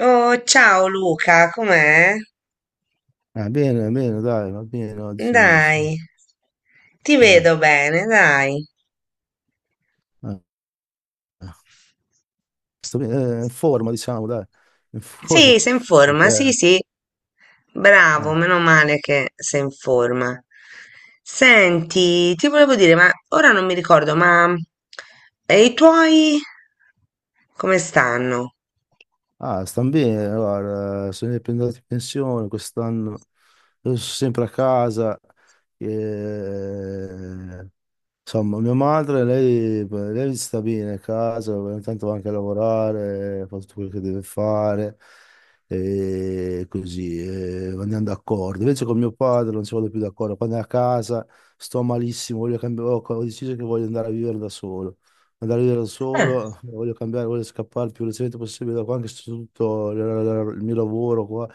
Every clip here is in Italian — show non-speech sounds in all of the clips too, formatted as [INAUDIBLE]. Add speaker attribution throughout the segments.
Speaker 1: Oh, ciao Luca, com'è?
Speaker 2: Bene, bene, dai, va bene oggi,
Speaker 1: Dai,
Speaker 2: insomma.
Speaker 1: ti vedo bene, dai.
Speaker 2: eh, eh, Sto bene, in forma, diciamo, dai, in forma.
Speaker 1: Sì, sei in
Speaker 2: [LAUGHS]
Speaker 1: forma, sì,
Speaker 2: perché,
Speaker 1: sì. Bravo,
Speaker 2: eh,
Speaker 1: meno male che sei in forma. Senti, ti volevo dire, ma ora non mi ricordo, ma e i tuoi come stanno?
Speaker 2: ah, stanno bene, guarda, sono andato in pensione quest'anno, io sono sempre a casa, eh, insomma, mia madre, lei sta bene a casa, ogni tanto va anche a lavorare, fa tutto quello che deve fare, e così, e andiamo d'accordo. Invece con mio padre non ci vado più d'accordo, quando è a casa sto malissimo, voglio cambiare, ho deciso che voglio andare a vivere da solo. Andare a vivere da
Speaker 1: Eh.
Speaker 2: solo, voglio cambiare, voglio scappare il più velocemente possibile da qua, anche se tutto il mio lavoro qua,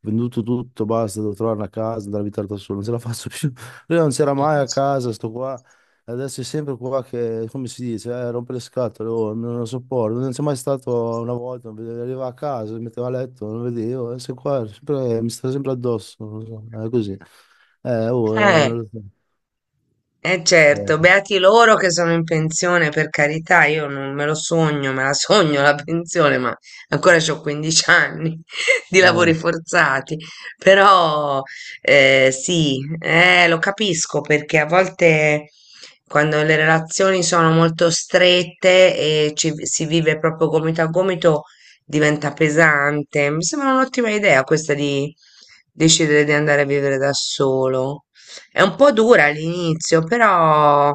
Speaker 2: venduto tutto, basta, devo trovare una casa, andare a abitare da solo, non ce la faccio più. Lui non c'era mai a casa, sto qua. Adesso è sempre qua che, come si dice, rompe le scatole, oh, non lo sopporto. Non c'è mai stato una volta, non arrivava a casa, mi metteva a letto, non vedevo, adesso è qua, mi sta sempre addosso, non lo so, è così. Oh,
Speaker 1: Eh.
Speaker 2: Non lo so.
Speaker 1: Eh, certo,
Speaker 2: Eh,
Speaker 1: beati loro che sono in pensione, per carità, io non me lo sogno, me la sogno la pensione, ma ancora ho 15 anni [LAUGHS] di lavori
Speaker 2: eh.
Speaker 1: forzati. Però sì, lo capisco perché a volte quando le relazioni sono molto strette e si vive proprio gomito a gomito diventa pesante. Mi sembra un'ottima idea questa di decidere di andare a vivere da solo. È un po' dura all'inizio, però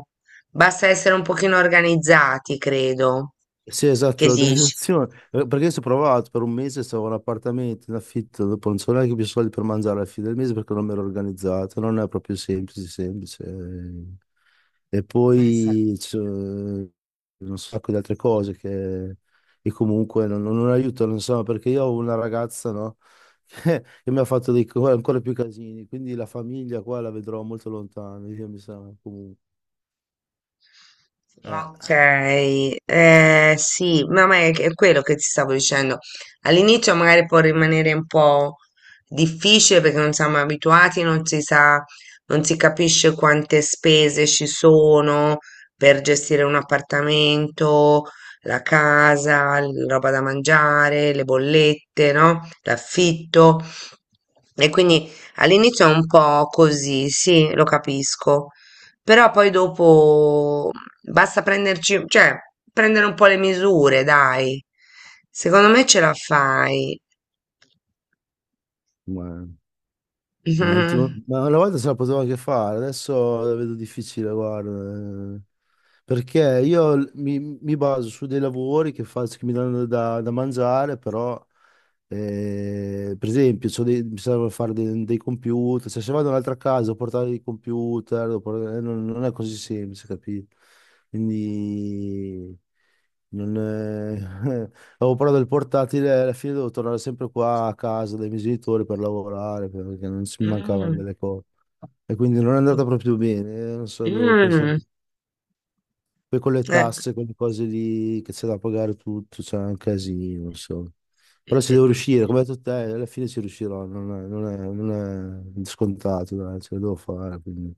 Speaker 1: basta essere un pochino organizzati, credo.
Speaker 2: Sì,
Speaker 1: Che
Speaker 2: esatto,
Speaker 1: sì, dici?
Speaker 2: l'organizzazione. Perché se ho provato per un mese, stavo in appartamento, in affitto, dopo non so neanche più soldi per mangiare alla fine del mese perché non mi ero organizzato, non è proprio semplice, semplice. E
Speaker 1: Eh sì.
Speaker 2: poi c'è un sacco di altre cose che comunque non aiutano, insomma, perché io ho una ragazza, no? [LAUGHS] Che, mi ha fatto ancora più casini, quindi la famiglia qua la vedrò molto lontano, io mi sa comunque.
Speaker 1: Ok, sì, ma è quello che ti stavo dicendo. All'inizio magari può rimanere un po' difficile perché non siamo abituati, non si sa, non si capisce quante spese ci sono per gestire un appartamento, la casa, roba da mangiare, le bollette, no? L'affitto. E quindi all'inizio è un po' così, sì, lo capisco. Però poi dopo basta prenderci, cioè, prendere un po' le misure, dai. Secondo me ce la fai.
Speaker 2: Eh, Ma,
Speaker 1: [LAUGHS]
Speaker 2: ma una volta se la potevo anche fare, adesso la vedo difficile, guarda. Eh. Perché io mi baso su dei lavori che faccio, che mi danno da mangiare, però, per esempio, mi serve fare dei computer, cioè se vado in un'altra casa devo portare dei computer, devo portare, non è così semplice, capito? Quindi, non è... [LAUGHS] Avevo però del portatile, alla fine devo tornare sempre qua a casa dai miei genitori per lavorare, perché non si mi
Speaker 1: Mm.
Speaker 2: mancavano
Speaker 1: Mm.
Speaker 2: delle cose. E quindi non è andata proprio bene, non so, devo pensare.
Speaker 1: Mm.
Speaker 2: Poi con le
Speaker 1: Eh.
Speaker 2: tasse, con le cose lì che c'è da pagare tutto, c'è un casino, non so. Però ci devo riuscire, come hai detto te, alla fine ci riuscirò, non è scontato, dai, ce la devo fare, quindi.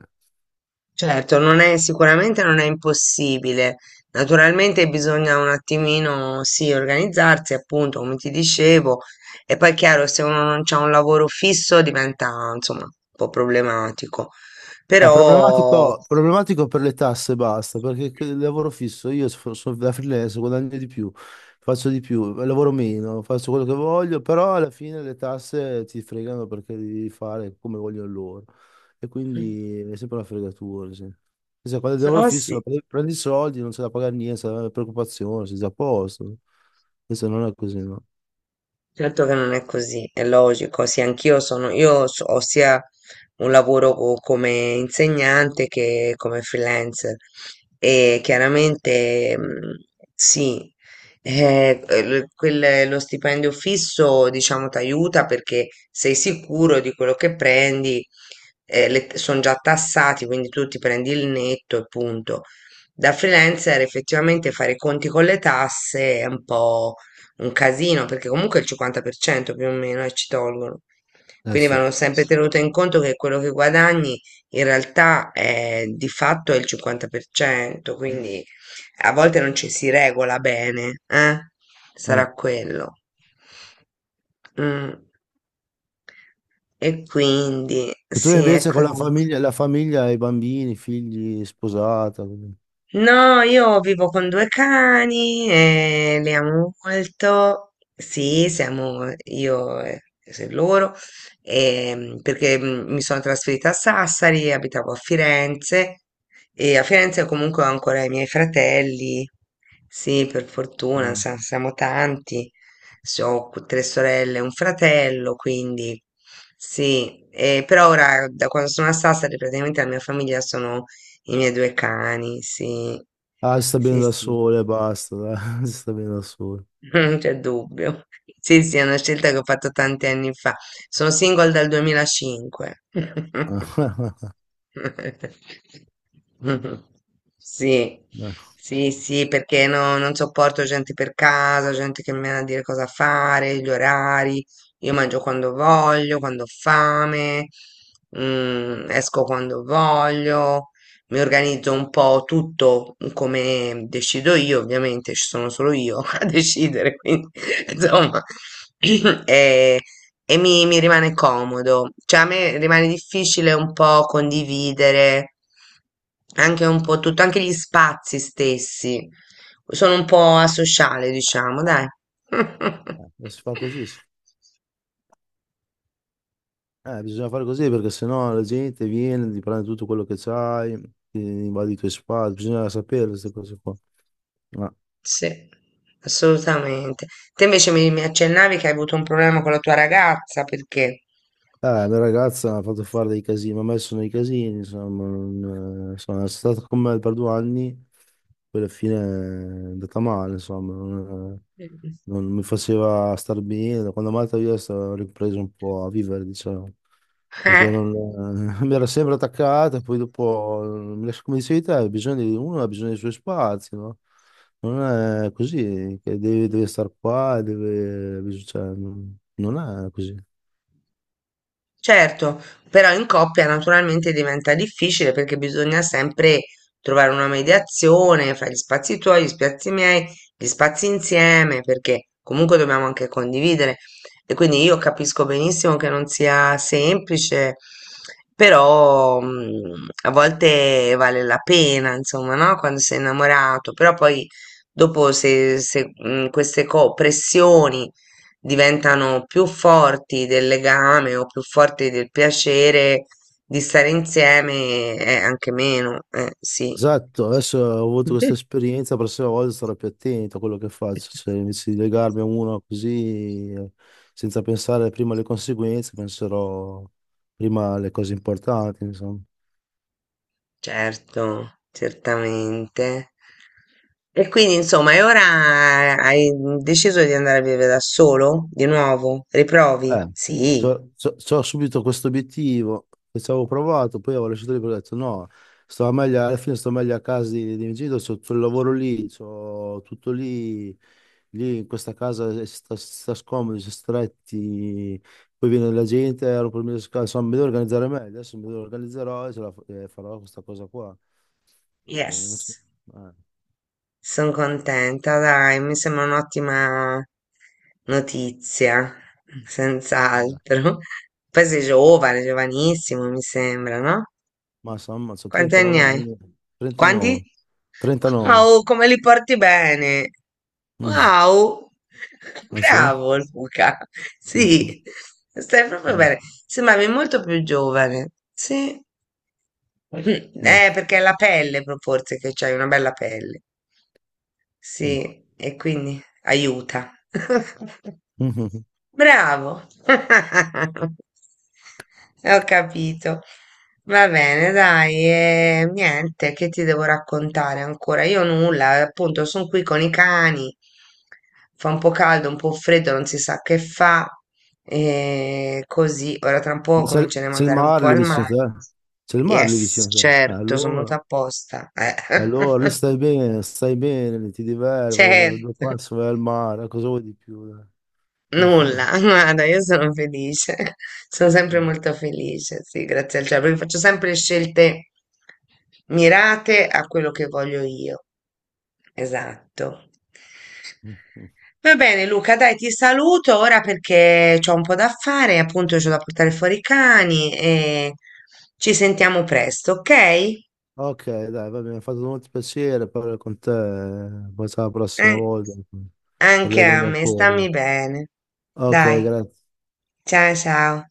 Speaker 1: Certo, non è, sicuramente non è impossibile. Naturalmente bisogna un attimino, sì, organizzarsi, appunto, come ti dicevo. E poi è chiaro, se uno non ha un lavoro fisso diventa, insomma, un po' problematico.
Speaker 2: È
Speaker 1: Però...
Speaker 2: problematico, problematico per le tasse, basta, perché il lavoro fisso, io sono da freelance, guadagno di più, faccio di più, lavoro meno, faccio quello che voglio, però alla fine le tasse ti fregano perché devi fare come vogliono loro. E quindi è sempre una fregatura. Sì. Cioè, quando il lavoro
Speaker 1: Però sì,
Speaker 2: fisso prendi i soldi, non c'è da pagare niente, non c'è preoccupazione, sei già a posto. Invece non è così, no?
Speaker 1: certo che non è così, è logico. Sì, anch'io sono, ho sia un lavoro come insegnante che come freelancer e chiaramente sì, lo stipendio fisso, diciamo, ti aiuta perché sei sicuro di quello che prendi, sono già tassati, quindi tu ti prendi il netto e punto. Da freelancer effettivamente fare i conti con le tasse è un po' un casino, perché comunque il 50% più o meno, ci tolgono.
Speaker 2: Eh
Speaker 1: Quindi vanno
Speaker 2: sì.
Speaker 1: sempre, sì, tenuto in conto che quello che guadagni in realtà è, di fatto è il 50%, quindi a volte non ci si regola bene, eh? Sarà
Speaker 2: Ah.
Speaker 1: quello. Mm. E quindi
Speaker 2: E tu
Speaker 1: sì, è
Speaker 2: invece con
Speaker 1: così.
Speaker 2: la famiglia, i bambini, i figli, sposata.
Speaker 1: No, io vivo con due cani e li amo molto. Sì, siamo io e loro, perché mi sono trasferita a Sassari, abitavo a Firenze e a Firenze comunque ho ancora i miei fratelli. Sì, per fortuna, siamo tanti. Ho tre sorelle e un fratello, quindi sì, però ora da quando sono a Sassari praticamente la mia famiglia i miei due cani, sì,
Speaker 2: Ah, si sta bene
Speaker 1: sì,
Speaker 2: da
Speaker 1: sì,
Speaker 2: sole, basta, dai, [LAUGHS] si sta bene da sole.
Speaker 1: [LAUGHS] non c'è dubbio. Sì, sì, è una scelta che ho fatto tanti anni fa. Sono single dal 2005. [LAUGHS]
Speaker 2: [LAUGHS]
Speaker 1: Sì, sì, sì, perché non sopporto gente per casa, gente che mi viene a dire cosa fare, gli orari. Io mangio quando voglio, quando ho fame, esco quando voglio, mi organizzo un po' tutto come decido io, ovviamente ci sono solo io [LAUGHS] a decidere, quindi [LAUGHS] insomma, [CLEARS THROAT] e, e mi rimane comodo. Cioè a me rimane difficile un po' condividere anche un po' tutto, anche gli spazi stessi. Sono un po' asociale, diciamo, dai. [LAUGHS]
Speaker 2: Non si fa così, bisogna fare così perché sennò la gente viene, ti prende tutto quello che c'hai, ti invade i tuoi spazi, bisogna sapere queste cose qua. Ah.
Speaker 1: Sì, assolutamente. Te invece mi accennavi che hai avuto un problema con la tua ragazza, perché?
Speaker 2: La mia ragazza mi ha fatto fare dei casini, mi ha messo nei casini, insomma, non, insomma, è stata con me per 2 anni, poi alla fine è andata male, insomma,
Speaker 1: Mm.
Speaker 2: non mi faceva star bene, quando è andata via ho ripreso un po' a vivere, diciamo, perché
Speaker 1: Eh?
Speaker 2: non, [LAUGHS] mi era sempre attaccata, poi dopo, come dicevi te, ha bisogno di, uno ha bisogno dei suoi spazi, no? Non è così, che deve stare qua, cioè, non è così.
Speaker 1: Certo, però in coppia naturalmente diventa difficile perché bisogna sempre trovare una mediazione fra gli spazi tuoi, gli spazi miei, gli spazi insieme, perché comunque dobbiamo anche condividere. E quindi io capisco benissimo che non sia semplice, però a volte vale la pena, insomma, no? Quando sei innamorato, però poi dopo se, se, queste pressioni diventano più forti del legame o più forti del piacere di stare insieme è anche meno, sì,
Speaker 2: Esatto, adesso ho avuto questa
Speaker 1: [LAUGHS]
Speaker 2: esperienza, la prossima volta sarò più attento a quello che faccio, cioè invece di legarmi a uno così senza pensare prima alle conseguenze, penserò prima alle cose importanti, insomma.
Speaker 1: certo, certamente. E quindi, insomma, e ora hai deciso di andare a vivere da solo? Di nuovo? Riprovi?
Speaker 2: Eh,
Speaker 1: Sì.
Speaker 2: so subito questo obiettivo che ci avevo provato, poi avevo lasciato lì perché ho detto no, stavo meglio, alla fine sto meglio a casa di miei genitori, c'ho tutto il lavoro lì, c'ho tutto lì, lì in questa casa si sta scomodi, si è stretti, poi viene la gente, ero per me, insomma, mi devo organizzare meglio, adesso mi devo organizzerò e, e farò questa cosa qua. Non so,
Speaker 1: Yes.
Speaker 2: eh,
Speaker 1: Son contenta, dai, mi sembra un'ottima notizia,
Speaker 2: no.
Speaker 1: senz'altro. [LAUGHS] Poi sei giovane, giovanissimo, mi sembra, no?
Speaker 2: Ma insomma, ho
Speaker 1: Quanti anni
Speaker 2: 39
Speaker 1: hai?
Speaker 2: anni.
Speaker 1: Quanti?
Speaker 2: 39.
Speaker 1: Wow,
Speaker 2: 39.
Speaker 1: come li porti bene!
Speaker 2: Mm,
Speaker 1: Wow! [LAUGHS]
Speaker 2: ah sì?
Speaker 1: Bravo Luca!
Speaker 2: Mm. [LAUGHS]
Speaker 1: Sì, stai proprio
Speaker 2: Mm.
Speaker 1: bene. Sembravi molto più giovane. Sì. Mm.
Speaker 2: Ma,
Speaker 1: Perché è la pelle, proprio, forse, che c'hai una bella pelle. Sì, e quindi aiuta. [LAUGHS] Bravo. [LAUGHS] Ho capito. Va bene, dai, e niente, che ti devo raccontare ancora? Io nulla, appunto, sono qui con i cani. Fa un po' caldo, un po' freddo, non si sa che fa. E così, ora tra un po'
Speaker 2: ma
Speaker 1: comincio a
Speaker 2: sei il
Speaker 1: mandare un
Speaker 2: mare
Speaker 1: po'
Speaker 2: lì
Speaker 1: al
Speaker 2: vicino a
Speaker 1: mare.
Speaker 2: te? C'è il mare lì
Speaker 1: Yes,
Speaker 2: vicino a te?
Speaker 1: certo, sono
Speaker 2: Allora,
Speaker 1: venuta apposta.
Speaker 2: allora lì stai bene, lì ti
Speaker 1: [LAUGHS]
Speaker 2: diverti, vai, due
Speaker 1: Certo.
Speaker 2: passi, vai al mare, cosa vuoi di più, dai?
Speaker 1: Nulla,
Speaker 2: [LAUGHS]
Speaker 1: [LAUGHS] guarda, io sono felice, [LAUGHS] sono sempre
Speaker 2: Eh.
Speaker 1: molto felice, sì, grazie al cielo, perché faccio sempre scelte mirate a quello che voglio io. Esatto. Va bene, Luca, dai, ti saluto ora perché ho un po' da fare, appunto, c'ho da portare fuori i cani e ci sentiamo presto, ok?
Speaker 2: Ok, dai, va bene, mi ha fatto molto piacere parlare con te, poi sarà la prossima
Speaker 1: Eh,
Speaker 2: volta,
Speaker 1: anche a
Speaker 2: parleremo
Speaker 1: me,
Speaker 2: ancora.
Speaker 1: stammi bene.
Speaker 2: Ok,
Speaker 1: Dai,
Speaker 2: grazie.
Speaker 1: ciao ciao.